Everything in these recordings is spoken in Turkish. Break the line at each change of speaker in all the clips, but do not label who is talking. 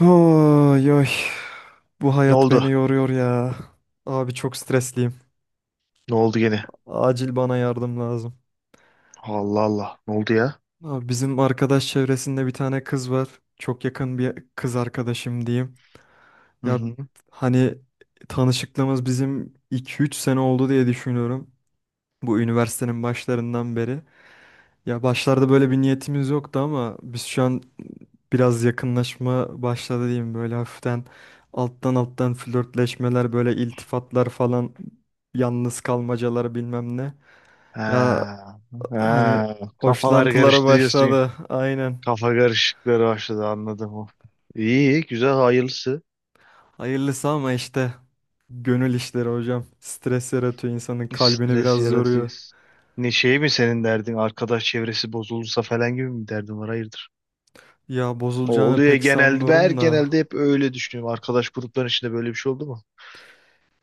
Oy, oy. Bu
Ne
hayat
oldu?
beni yoruyor ya. Abi çok stresliyim.
Ne oldu gene?
Acil bana yardım lazım.
Allah Allah. Ne oldu ya?
Abi bizim arkadaş çevresinde bir tane kız var. Çok yakın bir kız arkadaşım diyeyim.
Hı
Ya
hı.
hani tanışıklığımız bizim 2-3 sene oldu diye düşünüyorum. Bu üniversitenin başlarından beri. Ya başlarda böyle bir niyetimiz yoktu ama biz şu an biraz yakınlaşma başladı diyeyim, böyle hafiften alttan alttan flörtleşmeler, böyle iltifatlar falan, yalnız kalmacalar bilmem ne. Ya
Ha,
hani
ha. Kafalar
hoşlantılara
karıştı diyorsun.
başladı aynen.
Kafa karışıkları başladı anladım. İyi, iyi, güzel, hayırlısı.
Hayırlısı, ama işte gönül işleri hocam. Stres yaratıyor, insanın kalbini
Stres
biraz yoruyor.
yaratıyor. Ne şey mi senin derdin? Arkadaş çevresi bozulursa falan gibi mi derdin var? Hayırdır?
Ya
O
bozulacağını
oluyor
pek
genelde. Ben her
sanmıyorum da.
genelde hep öyle düşünüyorum. Arkadaş grupların içinde böyle bir şey oldu mu?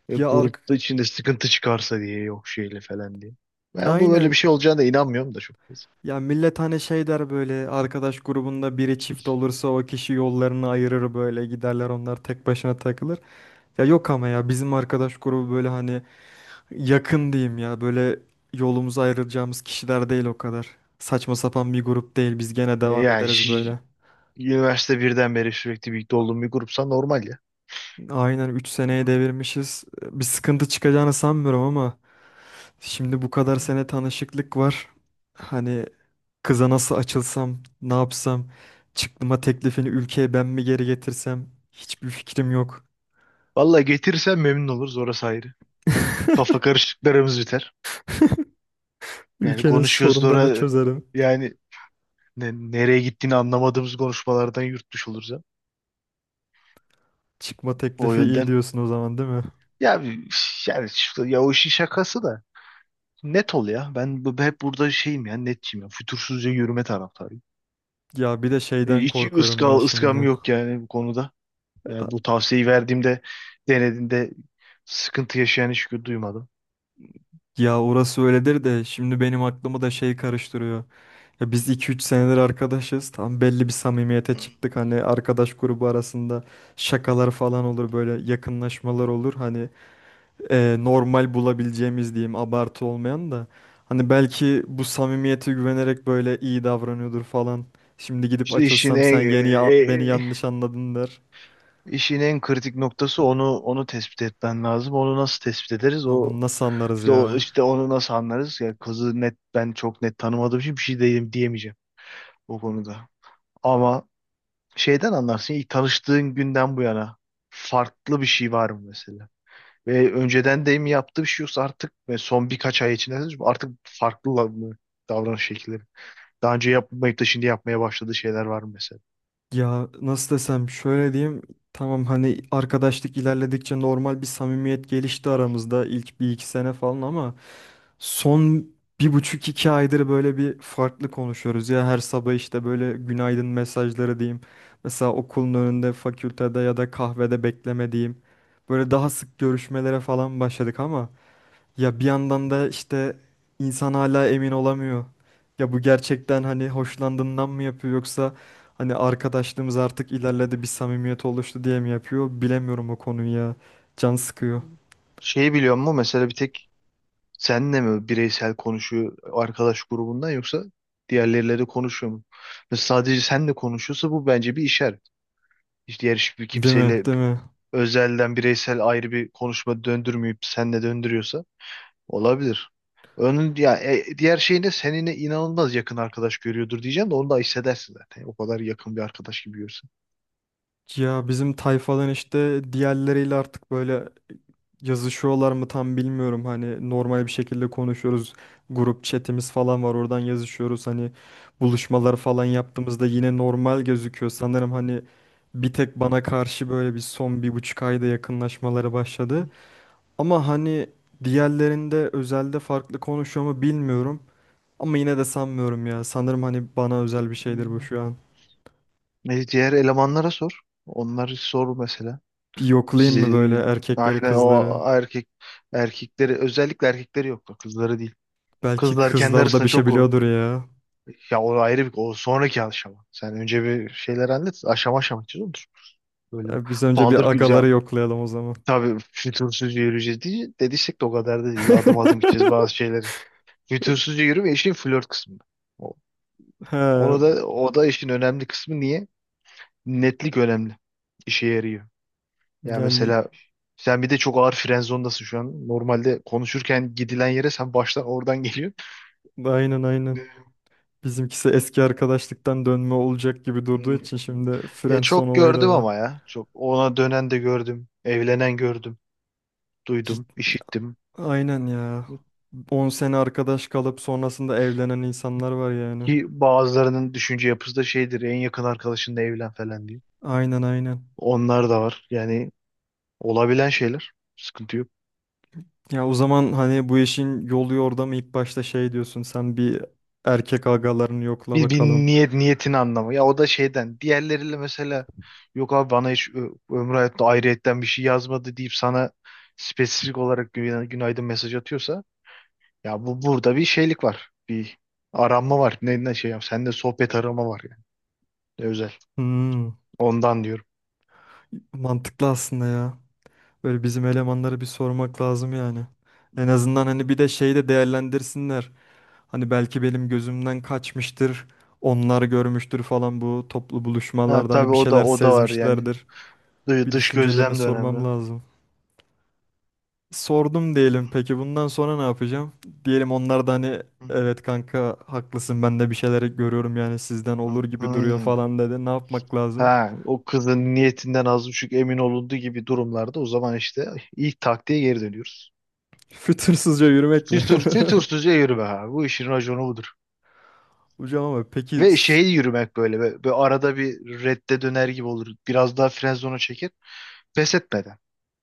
Ya
Grupta içinde sıkıntı çıkarsa diye yok şeyle falan diye. Ben bu böyle bir
aynen.
şey olacağına da inanmıyorum da çok fazla.
Ya millet hani şey der, böyle arkadaş grubunda biri çift olursa o kişi yollarını ayırır, böyle giderler, onlar tek başına takılır. Ya yok, ama ya bizim arkadaş grubu böyle hani yakın diyeyim ya, böyle yolumuzu ayrılacağımız kişiler değil o kadar. Saçma sapan bir grup değil, biz gene
E,
devam
Yani
ederiz
şi-
böyle.
Üniversite birden beri sürekli birlikte olduğum bir grupsa normal ya.
Aynen, 3 seneye devirmişiz. Bir sıkıntı çıkacağını sanmıyorum, ama şimdi bu kadar sene tanışıklık var. Hani, kıza nasıl açılsam, ne yapsam, çıktıma teklifini ülkeye ben mi geri getirsem, hiçbir fikrim yok.
Vallahi getirirsen memnun oluruz orası ayrı. Kafa karışıklarımız biter. Yani
Ülkenin
konuşuyoruz
sorunlarını
sonra
çözerim.
yani nereye gittiğini anlamadığımız konuşmalardan yurtmuş oluruz ya.
Çıkma
O
teklifi iyi
yönden.
diyorsun o zaman, değil mi?
Ya o işin şakası da net ol ya. Hep burada şeyim ya netçiyim ya. Fütursuzca yürüme taraftarıyım.
Ya bir de şeyden
Hiç
korkuyorum ben
ıskam
şimdi.
yok yani bu konuda. Yani bu tavsiyeyi verdiğimde denediğinde sıkıntı yaşayan hiç duymadım.
Ya orası öyledir de, şimdi benim aklımı da şey karıştırıyor. Ya biz 2-3 senedir arkadaşız. Tam belli bir samimiyete çıktık. Hani arkadaş grubu arasında şakalar falan olur, böyle yakınlaşmalar olur. Hani normal bulabileceğimiz diyeyim, abartı olmayan da. Hani belki bu samimiyete güvenerek böyle iyi davranıyordur falan. Şimdi gidip
İşte işin
açılsam, sen
en e,
beni
e,
yanlış anladın der.
işin en kritik noktası onu tespit etmen lazım. Onu nasıl tespit ederiz?
Ya
O
bunu nasıl anlarız
işte, o,
ya?
işte onu nasıl anlarız? Ya kızı net ben çok net tanımadığım için bir şey diyeyim, diyemeyeceğim o konuda. Ama şeyden anlarsın ilk tanıştığın günden bu yana farklı bir şey var mı mesela? Ve önceden de mi yaptığı bir şey yoksa artık ve son birkaç ay içinde artık farklı mı davranış şekilleri? Daha önce yapmayıp da şimdi yapmaya başladığı şeyler var mı mesela?
Ya nasıl desem, şöyle diyeyim: tamam, hani arkadaşlık ilerledikçe normal bir samimiyet gelişti aramızda ilk 1-2 sene falan, ama son 1,5-2 aydır böyle bir farklı konuşuyoruz ya. Her sabah işte böyle günaydın mesajları diyeyim. Mesela okulun önünde, fakültede ya da kahvede bekleme diyeyim. Böyle daha sık görüşmelere falan başladık, ama ya bir yandan da işte insan hala emin olamıyor. Ya bu gerçekten hani hoşlandığından mı yapıyor, yoksa hani arkadaşlığımız artık ilerledi, bir samimiyet oluştu diye mi yapıyor, bilemiyorum o konuyu ya. Can sıkıyor.
Şeyi biliyor musun? Mesela bir tek senle mi bireysel konuşuyor arkadaş grubundan yoksa diğerleriyle de konuşuyor mu? Ve sadece senle konuşuyorsa bu bence bir işaret. Hiç diğer hiçbir
Değil mi?
kimseyle
Değil mi?
özelden bireysel ayrı bir konuşma döndürmeyip senle döndürüyorsa olabilir. Onun ya diğer şey ne? Seninle inanılmaz yakın arkadaş görüyordur diyeceğim de onu da hissedersin zaten. O kadar yakın bir arkadaş gibi görürsün.
Ya bizim tayfadan işte diğerleriyle artık böyle yazışıyorlar mı, tam bilmiyorum. Hani normal bir şekilde konuşuyoruz. Grup chatimiz falan var, oradan yazışıyoruz. Hani buluşmalar falan yaptığımızda yine normal gözüküyor. Sanırım hani bir tek bana karşı böyle bir son 1,5 ayda yakınlaşmaları başladı. Ama hani diğerlerinde özelde farklı konuşuyor mu, bilmiyorum. Ama yine de sanmıyorum ya. Sanırım hani bana özel bir
Hı.
şeydir bu şu an.
Diğer elemanlara sor. Onları sor mesela.
Bir yoklayayım mı böyle
Sizi,
erkekleri,
aynen
kızları?
o erkekleri özellikle erkekleri yoktu. Kızları değil.
Belki
Kızlar kendi
kızlar da
arasında
bir şey
çok o.
biliyordur ya.
Ya o ayrı bir o sonraki aşama. Sen önce bir şeyler hallet. Aşama aşama gideceğiz olur. Böyle
E, biz önce
paldır
bir
güzel.
agaları yoklayalım o zaman.
Tabii fütursuzca yürüyeceğiz diye dediysek de o kadar da değil. Bir adım adım gideceğiz bazı şeyleri. Fütursuzca yürüme işin flört kısmı. O,
He,
Onu da o da işin önemli kısmı niye? Netlik önemli. İşe yarıyor. Ya
yani
mesela sen bir de çok ağır fren zondasın şu an. Normalde konuşurken gidilen yere sen baştan oradan geliyorsun.
aynen aynen. Bizimkisi eski arkadaşlıktan dönme olacak gibi durduğu
Hmm.
için şimdi
Ya
friendzone
çok
olayı da
gördüm
var.
ama ya. Çok ona dönen de gördüm. Evlenen gördüm. Duydum,
Cid-
işittim.
Aynen ya. 10 sene arkadaş kalıp sonrasında evlenen insanlar var yani.
Ki bazılarının düşünce yapısı da şeydir. En yakın arkadaşınla evlen falan diye.
Aynen aynen.
Onlar da var. Yani olabilen şeyler. Sıkıntı yok.
Ya o zaman hani bu işin yolu orada mı? İlk başta şey diyorsun sen: bir erkek agalarını yokla
Bir, bir
bakalım.
niyet niyetin anlamı. Ya o da şeyden. Diğerleriyle mesela yok abi bana hiç ömrü hayatta ayrıyetten bir şey yazmadı deyip sana spesifik olarak günaydın mesaj atıyorsa ya bu burada bir şeylik var. Bir aranma var. Ne şey yap. Sende sohbet arama var yani. Ne özel.
Hmm,
Ondan diyorum.
mantıklı aslında ya. Böyle bizim elemanlara bir sormak lazım yani. En azından hani bir de şeyi de değerlendirsinler. Hani belki benim gözümden kaçmıştır. Onlar görmüştür falan, bu toplu
Ha
buluşmalarda
tabii
hani bir
o da
şeyler
o da var yani.
sezmişlerdir. Bir
Dış
düşüncelerini
gözlem de önemli.
sormam lazım. Sordum diyelim, peki bundan sonra ne yapacağım? Diyelim onlar da hani evet kanka haklısın, ben de bir şeyleri görüyorum, yani sizden olur gibi duruyor
Hmm.
falan dedi. Ne yapmak lazım?
Ha, o kızın niyetinden az buçuk emin olunduğu gibi durumlarda o zaman işte ilk taktiğe geri dönüyoruz.
Fütursuzca yürümek mi?
Tütürsüzce yürüme abi. Bu işin raconu budur.
Hocam ama peki,
Ve şey yürümek böyle. Ve arada bir redde döner gibi olur. Biraz daha fren zonu çeker, pes etmeden.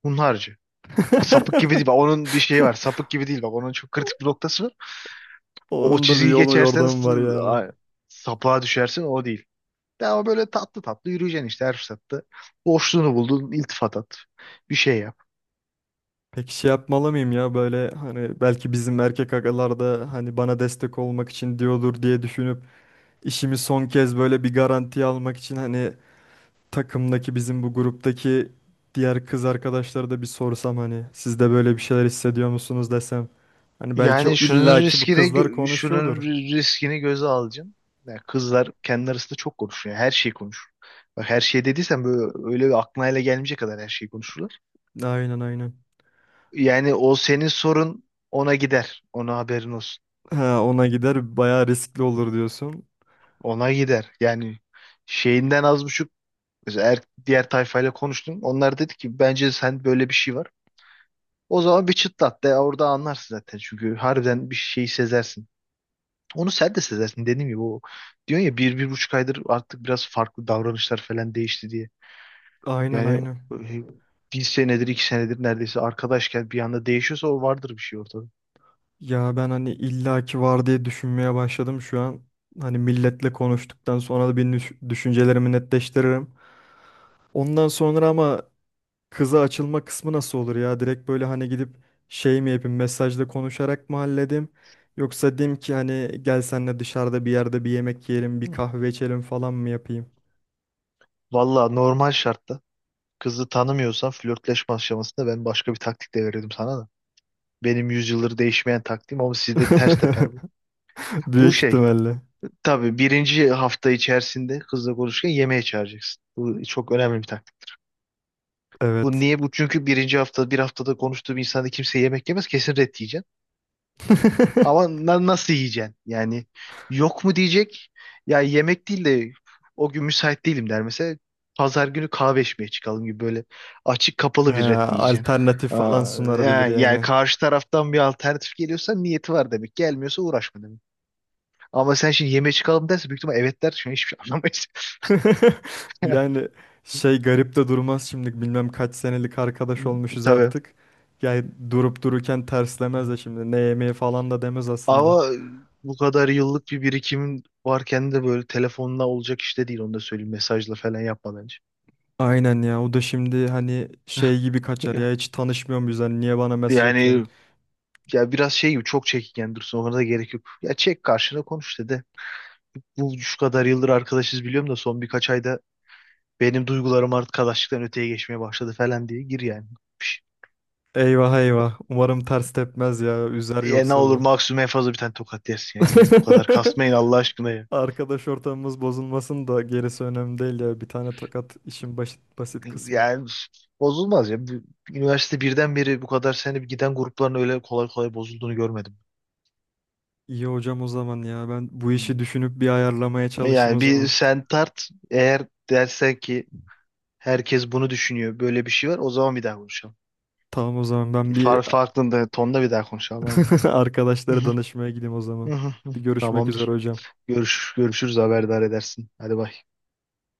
Hunharca. Aa, sapık gibi değil. Bak, onun bir şeyi var. Sapık gibi değil. Bak onun çok kritik bir noktası var. O
onun da bir
çizgiyi
yolu
geçersen
yordamı var yani.
a- sapığa düşersin. O değil. Ama böyle tatlı tatlı yürüyeceksin işte her fırsatta. Boşluğunu buldun. İltifat at. Bir şey yap.
Peki şey yapmalı mıyım ya? Böyle hani belki bizim erkek agalar da hani bana destek olmak için diyordur diye düşünüp, işimi son kez böyle bir garantiye almak için hani takımdaki, bizim bu gruptaki diğer kız arkadaşları da bir sorsam hani, siz de böyle bir şeyler hissediyor musunuz desem. Hani belki
Yani
illaki bu kızlar
şunun
konuşuyordur.
riskini göze alacaksın. Yani kızlar kendi arasında çok konuşuyor. Her şeyi konuşur. Bak her şey dediysen böyle öyle bir aklına hele gelmeyecek kadar her şeyi konuşurlar.
Aynen aynen.
Yani o senin sorun ona gider. Ona haberin olsun.
Ha, ona gider bayağı riskli olur diyorsun.
Ona gider. Yani şeyinden az buçuk mesela diğer tayfayla konuştun. Onlar dedi ki bence sen böyle bir şey var. O zaman bir çıtlat de orada anlarsın zaten. Çünkü harbiden bir şeyi sezersin. Onu sen de sezersin dediğim gibi o diyorsun ya bir buçuk aydır artık biraz farklı davranışlar falan değişti diye.
Aynen
Yani
aynen.
e, bir senedir iki senedir neredeyse arkadaşken bir anda değişiyorsa o vardır bir şey ortada.
Ya ben hani illaki var diye düşünmeye başladım şu an. Hani milletle konuştuktan sonra da bir düşüncelerimi netleştiririm. Ondan sonra ama kıza açılma kısmı nasıl olur ya? Direkt böyle hani gidip şey mi yapayım, mesajla konuşarak mı halledeyim? Yoksa diyeyim ki hani gel senle dışarıda bir yerde bir yemek yiyelim,
Hı.
bir kahve içelim falan mı yapayım?
Valla normal şartta kızı tanımıyorsan flörtleşme aşamasında ben başka bir taktik de verirdim sana da. Benim yüzyıldır değişmeyen taktiğim ama sizde ters teper bu. Bu
Büyük
şey
ihtimalle.
tabii birinci hafta içerisinde kızla konuşurken yemeğe çağıracaksın. Bu çok önemli bir taktik. Bu
Evet.
niye bu? Çünkü birinci hafta bir haftada konuştuğum insanda kimse yemek yemez kesin ret yiyeceksin. Ama nasıl yiyeceksin? Yani yok mu diyecek? Ya yemek değil de o gün müsait değilim der mesela. Pazar günü kahve içmeye çıkalım gibi böyle açık
He,
kapalı bir ret mi yiyeceksin?
alternatif falan
Aa,
sunabilir
yani
yani.
karşı taraftan bir alternatif geliyorsa niyeti var demek. Gelmiyorsa uğraşma demek. Ama sen şimdi yemeğe çıkalım derse büyük ihtimal evet der. Şimdi hiçbir şey anlamayız.
Yani şey garip de durmaz şimdi, bilmem kaç senelik
Hı,
arkadaş olmuşuz
tabii.
artık. Yani durup dururken terslemez de, şimdi ne yemeği falan da demez aslında.
Ama bu kadar yıllık bir birikimin varken de böyle telefonla olacak işte değil onu da söyleyeyim. Mesajla falan yapma bence.
Aynen ya, o da şimdi hani şey gibi kaçar
Ya-
ya, hiç tanışmıyor muyuz hani, niye bana mesaj atıyorsun?
Yani ya biraz şey gibi çok çekingen dursun ona da gerek yok. Ya çek karşına konuş dedi. Bu şu kadar yıldır arkadaşız biliyorum da son birkaç ayda benim duygularım artık arkadaşlıktan öteye geçmeye başladı falan diye gir yani. Pş,
Eyvah eyvah, umarım ters tepmez ya, üzer
Ya ne
yoksa
olur
bu.
maksimum en fazla bir tane tokat yersin ya. Bu kadar kasmayın Allah aşkına ya.
Arkadaş ortamımız bozulmasın da gerisi önemli değil ya, bir tane tokat işin basit kısmı.
Yani bozulmaz ya. Üniversite birden beri bu kadar sene giden grupların öyle kolay kolay bozulduğunu görmedim.
İyi hocam o zaman ya. Ben bu
Hı.
işi düşünüp bir ayarlamaya çalışayım o
Yani bir
zaman.
sen tart eğer dersen ki herkes bunu düşünüyor böyle bir şey var o zaman bir daha konuşalım.
Tamam o zaman, ben bir
Farklı tonda bir daha konuşalım aynen. Hı
arkadaşlara
hı,
danışmaya gideyim o zaman.
hı hı.
Bir görüşmek üzere
Tamamdır.
hocam.
Görüşürüz haberdar edersin. Hadi bay.